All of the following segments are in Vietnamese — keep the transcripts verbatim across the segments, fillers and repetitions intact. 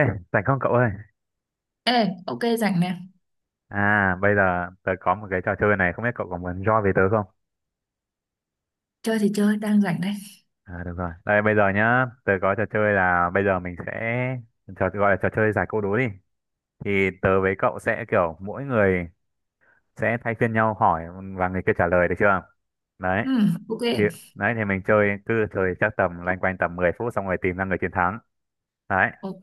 Ê, rảnh không cậu ơi? Ê, ok rảnh nè. À, bây giờ tớ có một cái trò chơi này, không biết cậu có muốn join với tớ không? Chơi thì chơi, đang rảnh đây. À, được rồi. Đây, bây giờ nhá, tớ có trò chơi là bây giờ mình sẽ trò gọi là trò chơi giải câu đố đi. Thì tớ với cậu sẽ kiểu mỗi người sẽ thay phiên nhau hỏi và người kia trả lời được chưa? Đấy, Ừ, ok. thì đấy thì mình chơi cứ chơi chắc tầm loanh quanh tầm mười phút xong rồi tìm ra người chiến thắng. Đấy, Ok.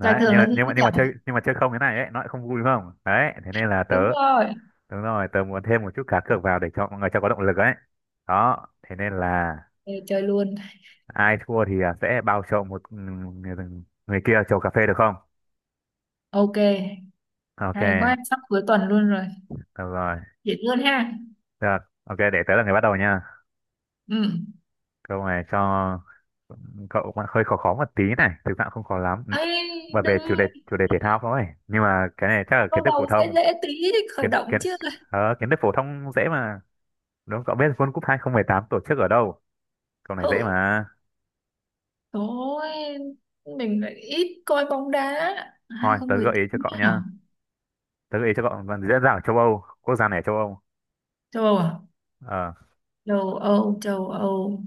Giải thưởng nhưng là mà gì nhưng mà thế nhỉ? nhưng mà chơi nhưng mà chơi không thế này ấy, nó lại không vui đúng không? Đấy, thế nên là tớ. Đúng rồi. Đúng rồi, tớ muốn thêm một chút cá cược vào để cho mọi người cho có động lực ấy. Đó, thế nên là Ê, chơi luôn. ai thua thì à, sẽ bao cho một ừ, người, người kia chầu cà phê được không? Ok. Ok, Hay quá, sắp cuối tuần luôn rồi. được rồi. Dễ luôn ha. Được. Ok, để tớ là người bắt đầu nha. Ừ. Câu này cho cậu cũng hơi khó khó một tí này, thực ra cũng không khó lắm. Ê, Bởi về đừng, chủ đề chủ đề thể thao thôi. Nhưng mà cái này chắc là câu kiến thức phổ đầu sẽ thông, dễ tí, khởi kiến động kiến chứ. ờ, kiến thức phổ thông dễ mà. Đúng, cậu biết World Cup hai không một tám tổ chức ở đâu? Câu này dễ Hự. mà. Thôi, mình lại ít coi bóng đá. Thôi, tớ gợi ý cho hai không một tám cậu nhá. hả? Tớ gợi ý cho cậu còn dễ dàng ở châu Âu, quốc gia này ở châu Âu, Châu Âu à? ờ Châu Âu, châu Âu.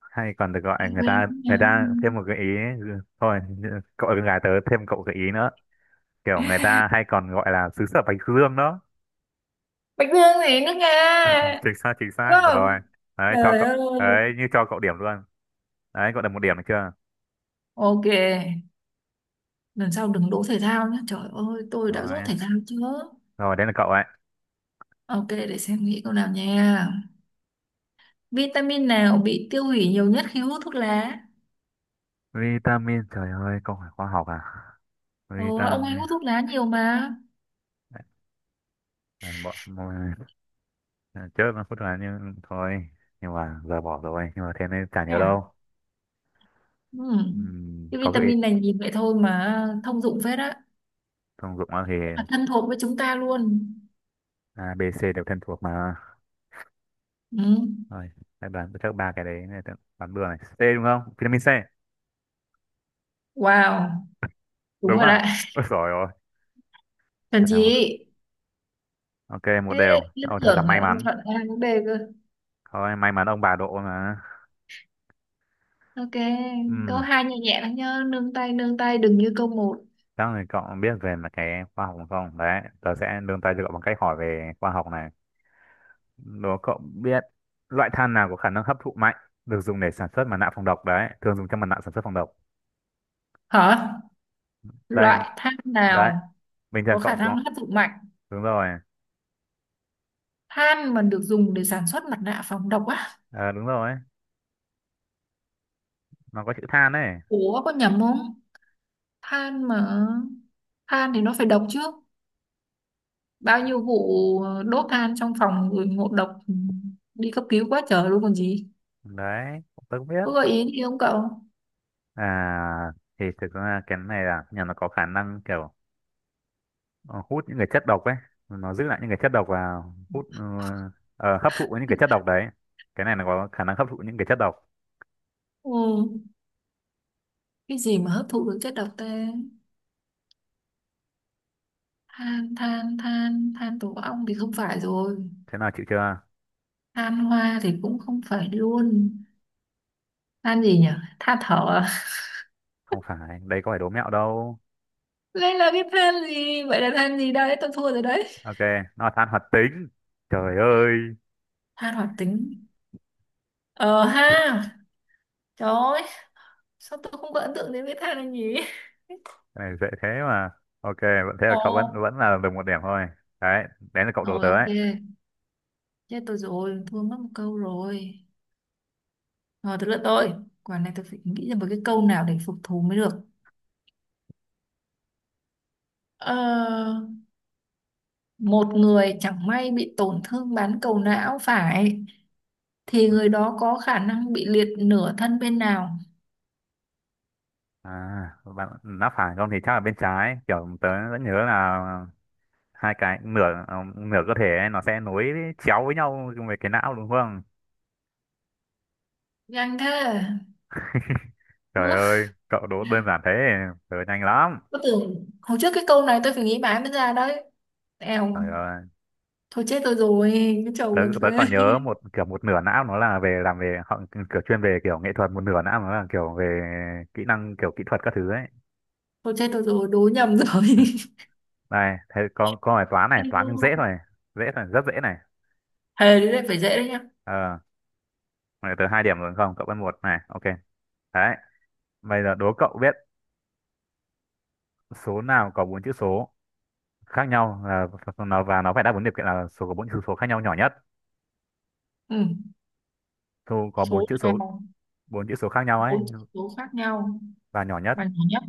hay còn được gọi, người ta Quên. người ta thêm một gợi ý. Thôi cậu là con gái tớ thêm cậu gợi ý nữa, kiểu người ta hay còn gọi là xứ sở bánh dương đó. Bạch Dương gì nữa nghe. Chính xác, chính Đúng xác không? rồi. Đấy cho Trời cậu, ơi. đấy như cho cậu điểm luôn. Đấy cậu được một điểm được chưa? Ok, lần sau đừng đỗ thể thao nhé. Trời ơi, tôi đã rốt Rồi, thể thao chưa? rồi đây là cậu ấy. Ok, để xem nghĩ câu nào nha. Vitamin nào bị tiêu hủy nhiều nhất khi hút thuốc lá? Vitamin, trời ơi câu hỏi khoa học à? Ờ, ông ấy Vitamin. hút thuốc lá nhiều mà. Đấy, bỏ bỏ- trước nó phút là như thôi, nhưng mà giờ bỏ rồi, nhưng mà thế nên chả nhớ Dạ. đâu. Ừ. Ừm, Cái có gợi ý, vitamin này nhìn vậy thôi mà thông dụng phết á. thông dụng thì Rất là thân thuộc với chúng ta luôn. A B C đều thân thuộc mà. Ừ. Rồi các đoán chắc ba cái đấy này, đoán bừa này, C đúng không, vitamin C? Wow, đúng Đúng rồi à? đấy. Ôi giỏi rồi, Thần thật là. chị. Ok một Thế, đều, liên ôi thật là tưởng may là ông mắn. chọn A với B cơ. Thôi may mắn ông bà độ mà. Ok, câu Ừm, hai nhẹ nhẹ lắm nhá, nương tay nương tay đừng như câu một. chắc là cậu biết về mà cái khoa học không, đấy tớ sẽ nương tay cho cậu bằng cách hỏi về khoa học này. Đố cậu biết loại than nào có khả năng hấp thụ mạnh được dùng để sản xuất mặt nạ phòng độc, đấy thường dùng trong mặt nạ sản xuất phòng độc. Hả? Đây, Loại than đấy, nào bình thường có khả cậu năng có. hấp thụ mạnh? Đúng rồi, Than mà được dùng để sản xuất mặt nạ phòng độc á? ờ đúng rồi, nó có chữ than ấy. Ủa có nhầm không? Than mà than thì nó phải độc chứ. Bao nhiêu vụ ờ, đốt than trong phòng người ngộ độc, ừ, đi cấp cứu quá trời luôn còn gì. Đấy tôi cũng biết. Có gợi ý gì không cậu? À thì thực ra cái này là nhà nó có khả năng kiểu, ờ, hút những cái chất độc ấy, nó giữ lại những cái chất độc và hút ờ, ờ, hấp thụ những cái chất độc đấy, cái này nó có khả năng hấp thụ những cái chất độc. Ừ, cái gì mà hấp thụ được chất độc ta? Than, than, than, than tổ ong thì không phải rồi. Thế nào chịu chưa? Than hoa thì cũng không phải luôn, than gì nhỉ, than thở à? Không phải, đây có phải đố mẹo đâu. Đây là cái than gì vậy, là than gì, đây tôi thua rồi đấy. Ok, nó là than hoạt tính. Trời ơi, Than hoạt tính, ờ ha, trời ơi, sao tôi không có ấn tượng đến cái than này nhỉ. cái này dễ thế mà. Ok vẫn thế là Ồ, cậu vẫn vẫn là được một điểm thôi. Đấy, đấy là cậu đố rồi tớ ok, ấy. chết tôi rồi, thua mất một câu rồi. Rồi tới lượt tôi, quả này tôi phải nghĩ ra một cái câu nào để phục thù mới được. ờ, Một người chẳng may bị tổn thương bán cầu não phải thì người đó có khả năng bị liệt nửa thân bên nào? À, bạn đã phải không thì chắc là bên trái, kiểu tớ vẫn nhớ là hai cái nửa, ờ, nửa cơ thể ấy, nó sẽ nối chéo với nhau về cái não đúng không? Nhanh thế. Trời ơi, cậu đố đơn giản thế, tớ nhanh lắm. Tôi tưởng hồi trước cái câu này tôi phải nghĩ mãi mới ra đấy. Eo, Trời ơi, thôi chết tôi rồi, cái tớ, chầu cà tớ phê. còn nhớ một kiểu một nửa não nó là về làm về họ, kiểu chuyên về kiểu nghệ thuật, một nửa não nó là kiểu về kỹ năng kiểu kỹ thuật các thứ ấy. Thôi chết tôi rồi, đố nhầm rồi. Này, thế có có bài toán này, Ây toán dô, nhưng dễ thôi, dễ thôi, rất dễ này. thề đấy, đấy phải dễ đấy nhá. Ờ, này, tớ hai điểm rồi đúng không? Cậu vẫn một này, ok. Đấy, bây giờ đố cậu biết số nào có bốn chữ số khác nhau, là nó và nó phải đáp ứng điều kiện là số có bốn chữ số khác nhau nhỏ nhất, Ừ. thu có bốn Số chữ số, nào bốn chữ số khác nhau ấy bốn chữ số khác nhau và nhỏ nhất. bằng nhỏ nhất?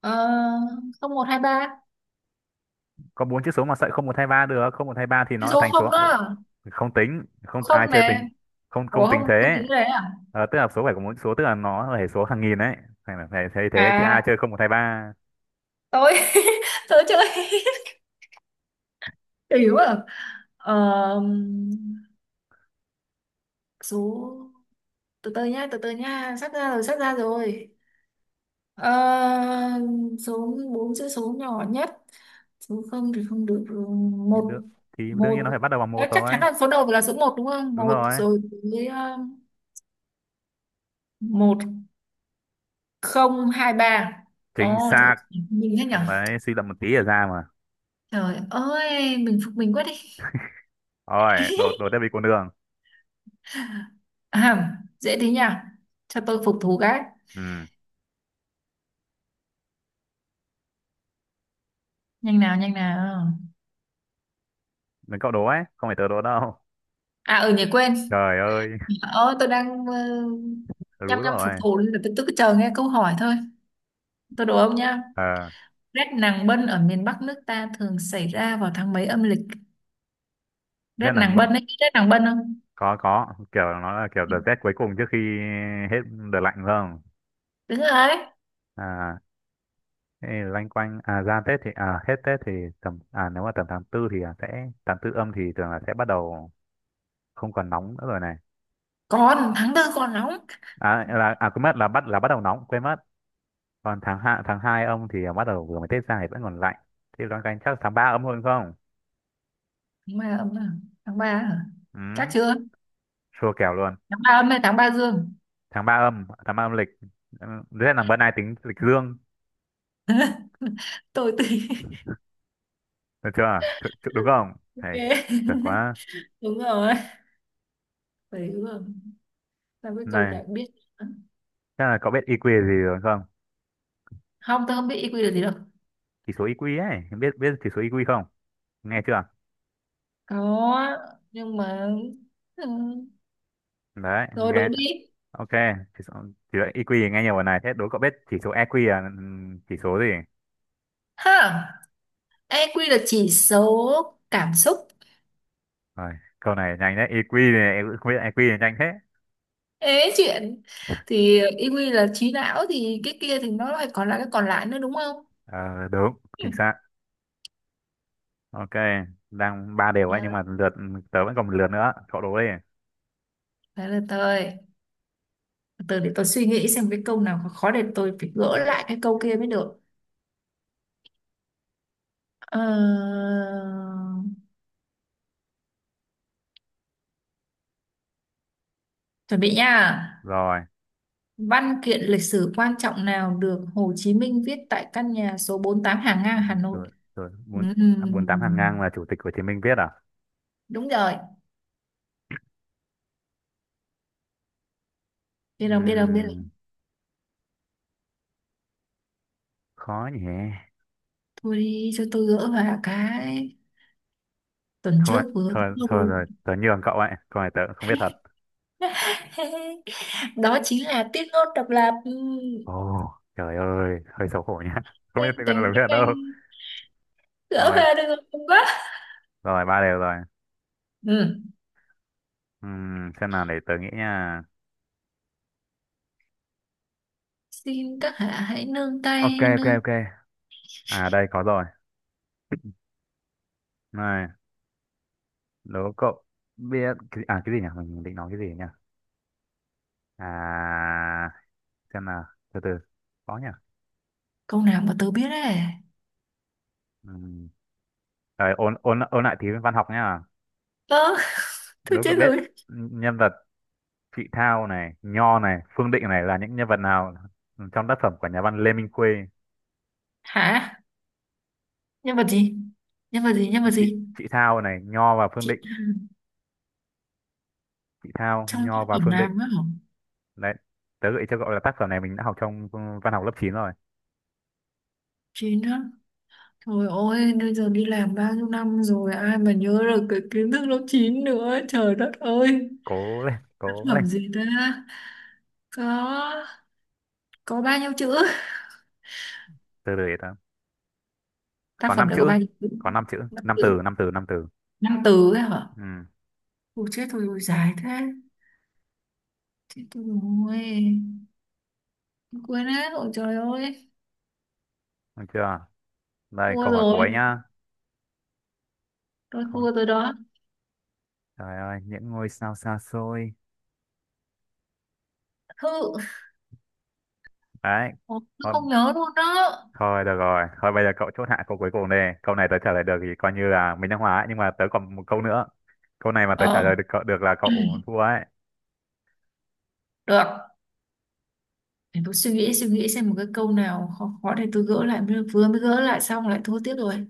Ờ, không một hai ba. Có bốn chữ số mà sợi không một thay ba được, không một thay ba thì Cái nó là số thành số không ờ, đó, không tính, không ai không chơi tính, nè. không Ủa không không tính không thế. tính cái đấy à? Ờ, tức là số phải có bốn chữ số, tức là nó là hệ số hàng nghìn ấy, thành phải thấy thế chứ ai À chơi không một thay ba. tôi tôi chơi, hiểu à. Ờ, số, từ từ nhá từ từ nhá sắp ra rồi sắp ra rồi. Ờ, số bốn chữ số nhỏ nhất, số không thì không được rồi. Thì Một được thì đương nhiên một nó phải bắt đầu bằng Ờ, một chắc chắn thôi. là số đầu là số một đúng không, Đúng một rồi, rồi tới, ờ, một không hai ba. chính Ồ chỗ, xác. mình thế nhở. Đấy suy luận một tí là ra mà. Trời ơi, mình phục mình quá đi. Rồi đột đột tiếp đi con đường. À, dễ thế nhỉ, cho tôi phục thú cái. Ừ Nhanh nào, nhanh nào. là cậu đố ấy, không phải tớ đố đâu. À ở, ừ, nhỉ, quên. Trời ơi, Ờ, tôi đang uh, tớ đúng nhăm nhăm phục rồi. thù nên là tôi, tôi cứ chờ nghe câu hỏi thôi. Tôi đố ông nha. Ờ, Rét nàng bân ở miền Bắc nước ta thường xảy ra vào tháng mấy âm lịch? rét Rét nắng nàng bận bân ấy, biết rét nàng bân không? có có kiểu nó là kiểu đợt rét cuối cùng trước khi hết đợt lạnh phải không? Đúng rồi. À, thế thì loanh quanh à ra Tết thì à hết Tết thì tầm à nếu mà tầm tháng tư thì là sẽ tháng tư âm thì thường là sẽ bắt đầu không còn nóng nữa rồi này. Còn tháng tư còn nóng. À là à quên mất là bắt là bắt đầu nóng quên mất, còn tháng hai, tháng hai âm thì bắt đầu vừa mới Tết ra thì vẫn còn lạnh, thì loanh quanh chắc tháng ba âm hơn không. Tháng ba âm à? Tháng ba hả? Chắc Ừ, chưa? chua kèo luôn. Tháng ba âm hay tháng ba dương? Tháng ba âm, tháng ba âm lịch. Ừ, thế là bữa nay tính lịch dương Tôi tùy. được chưa? Chu- chu- đúng không Ok. thầy, chuẩn quá. Đúng rồi. Phải đúng rồi. Sao cái câu Này, này cũng biết? chắc là cậu biết i EQ gì rồi không? Không, tôi không biết i kiu là gì đâu. Chỉ số i EQ ấy, biết biết chỉ số i EQ không, nghe chưa? Có, nhưng mà... Ừ. Đấy Rồi đố nghe. đi. Ok, chỉ số chỉ số i kiu thì nghe nhiều rồi này, thế đố cậu biết chỉ số i kiu là ừm, chỉ số gì? Ha! i kiu là chỉ số cảm xúc. Rồi, câu này nhanh đấy, i EQ này em cũng không biết, i kiu này nhanh thế. Ế chuyện, thì i kiu là trí não thì cái kia thì nó lại còn là cái còn lại nữa, đúng không? Ờ, đúng, Ừ. chính xác. Ok, đang ba đều ấy nhưng Yeah. mà lượt tớ vẫn còn một lượt nữa, cậu đố đi. Đấy là tôi từ để tôi suy nghĩ xem cái câu nào khó khó để tôi phải gỡ lại cái câu kia mới được. Ờ, chuẩn bị nha. Rồi, Văn kiện lịch sử quan trọng nào được Hồ Chí Minh viết tại căn nhà số bốn tám Hàng Ngang Hà Nội? rồi rồi bốn. À, bốn tám hàng ngang là Ừm, chủ tịch Hồ Chí Minh viết à? đúng rồi, biết rồi biết rồi biết rồi. Ừm, khó nhỉ. Thôi đi cho tôi gỡ vào cái, tuần thôi trước vừa... thôi thôi rồi tớ nhường cậu ấy, câu này tớ cũng không biết thật. Đó chính là tiết ngôn độc lập. Ừ, Ồ, trời ơi hơi xấu hổ nhá. Không biết anh tớ còn tình được biết cách đâu. anh gỡ Rồi, về được rồi không quá. rồi ba đều rồi. Ừ. Ừm, xem nào để tớ nghĩ nha. Xin các hạ hãy nương Ok, tay ok, nương. ok. À đây có rồi. Này, đố cậu biết cái, à cái gì nhỉ, mình định nói cái gì nhỉ? À, xem nào, từ từ, có nhỉ. Câu nào mà tớ biết đấy. Ừm, Ờ, ôn ôn ôn lại tí văn học nhá. Ơ, tôi Nếu cậu chết biết rồi. nhân vật Chị Thao này, Nho này, Phương Định này là những nhân vật nào trong tác phẩm của nhà văn Lê Minh Khuê? Hả? Nhân vật gì nhân vật gì nhân vật Chị gì Chị Thao này, Nho và Phương Định, Chị, Chị Thao, trong Nho tác và phẩm Phương Định. làm á hả? Đấy, tớ gợi ý cho cậu là tác phẩm này mình đã học trong văn học lớp chín rồi. Chị nữa. Trời ơi, bây giờ đi làm bao nhiêu năm rồi, ai mà nhớ được cái kiến thức lớp chín nữa, trời đất ơi. Cố lên, Tác cố lên, phẩm gì ta? Có. Có bao nhiêu chữ? từ từ để tớ. Tác Có phẩm năm này có chữ, bao nhiêu chữ? có năm chữ, năm từ, Chữ- năm từ, năm từ. năm từ ấy hả? Ừ, Ôi chết thôi, ôi dài thế, chết tôi rồi. Tôi quên hết, ôi trời ơi. được chưa? Đây, Thua câu hỏi cuối rồi, nhá. tôi Không, thua rồi đó. trời ơi, những ngôi sao xa xôi. Thư. Đấy, Ồ, tôi có. không nhớ luôn đó. Thôi được rồi, thôi bây giờ cậu chốt hạ câu cuối cùng đây. Câu này tớ trả lời được thì coi như là mình đang hóa ấy, nhưng mà tớ còn một câu nữa. Câu này mà tớ trả Ờ, lời được cậu được là cậu thua ấy. được, để tôi suy nghĩ suy nghĩ xem một cái câu nào khó khó để tôi gỡ lại, mới vừa mới gỡ lại xong lại thua tiếp rồi.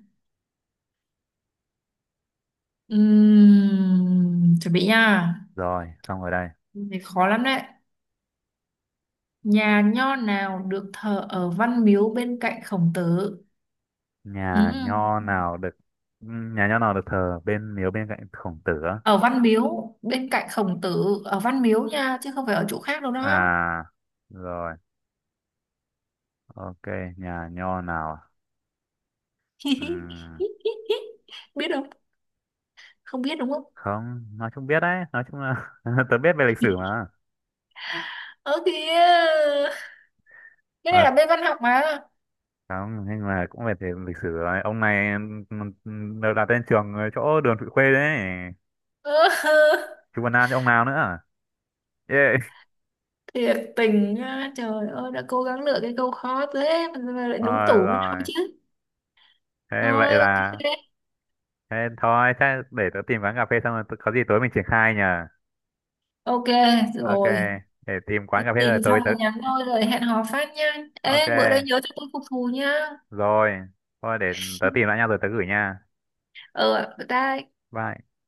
Ừm, chuẩn bị nha. Rồi, xong rồi đây. Câu này khó lắm đấy. Nhà nho nào được thờ ở Văn Miếu bên cạnh Khổng Tử? Nhà Ừm, nho nào được, ừm, nhà nho nào được thờ bên miếu bên cạnh Khổng Tử á? ở Văn Miếu bên cạnh Khổng Tử, ở Văn Miếu nha chứ không phải ở chỗ khác đâu đó. À rồi, ok, nhà nho nào? À? Ừm, Biết không, không biết đúng không? không, nói chung biết đấy, nói chung là tớ biết về lịch sử mà. Ơ kìa, cái này À, là bên văn học mà. không, nhưng mà cũng về thể lịch sử rồi. Ông này ừm, ừm, được đặt tên trường ở chỗ đường Thụy Khuê đấy. Ơ, Chú Văn An chứ ông nào nữa à? Yeah. thiệt tình á, trời ơi đã cố gắng lựa cái câu khó thế mà mà lại đúng Rồi tủ mới đâu rồi, chứ. thế vậy Thôi ok. là thế thôi, thế để tớ tìm quán cà phê xong rồi tớ- có gì tối mình triển khai nhờ. Ok Ok, rồi. để tìm quán cà phê Tìm rồi xong tối tớ. là nhắn thôi, rồi hẹn hò phát nha. Ok Ê bữa đây nhớ cho tôi phục thù nha. rồi. Thôi để tớ tìm lại nhau rồi tớ gửi nha. Ờ ta. Bye.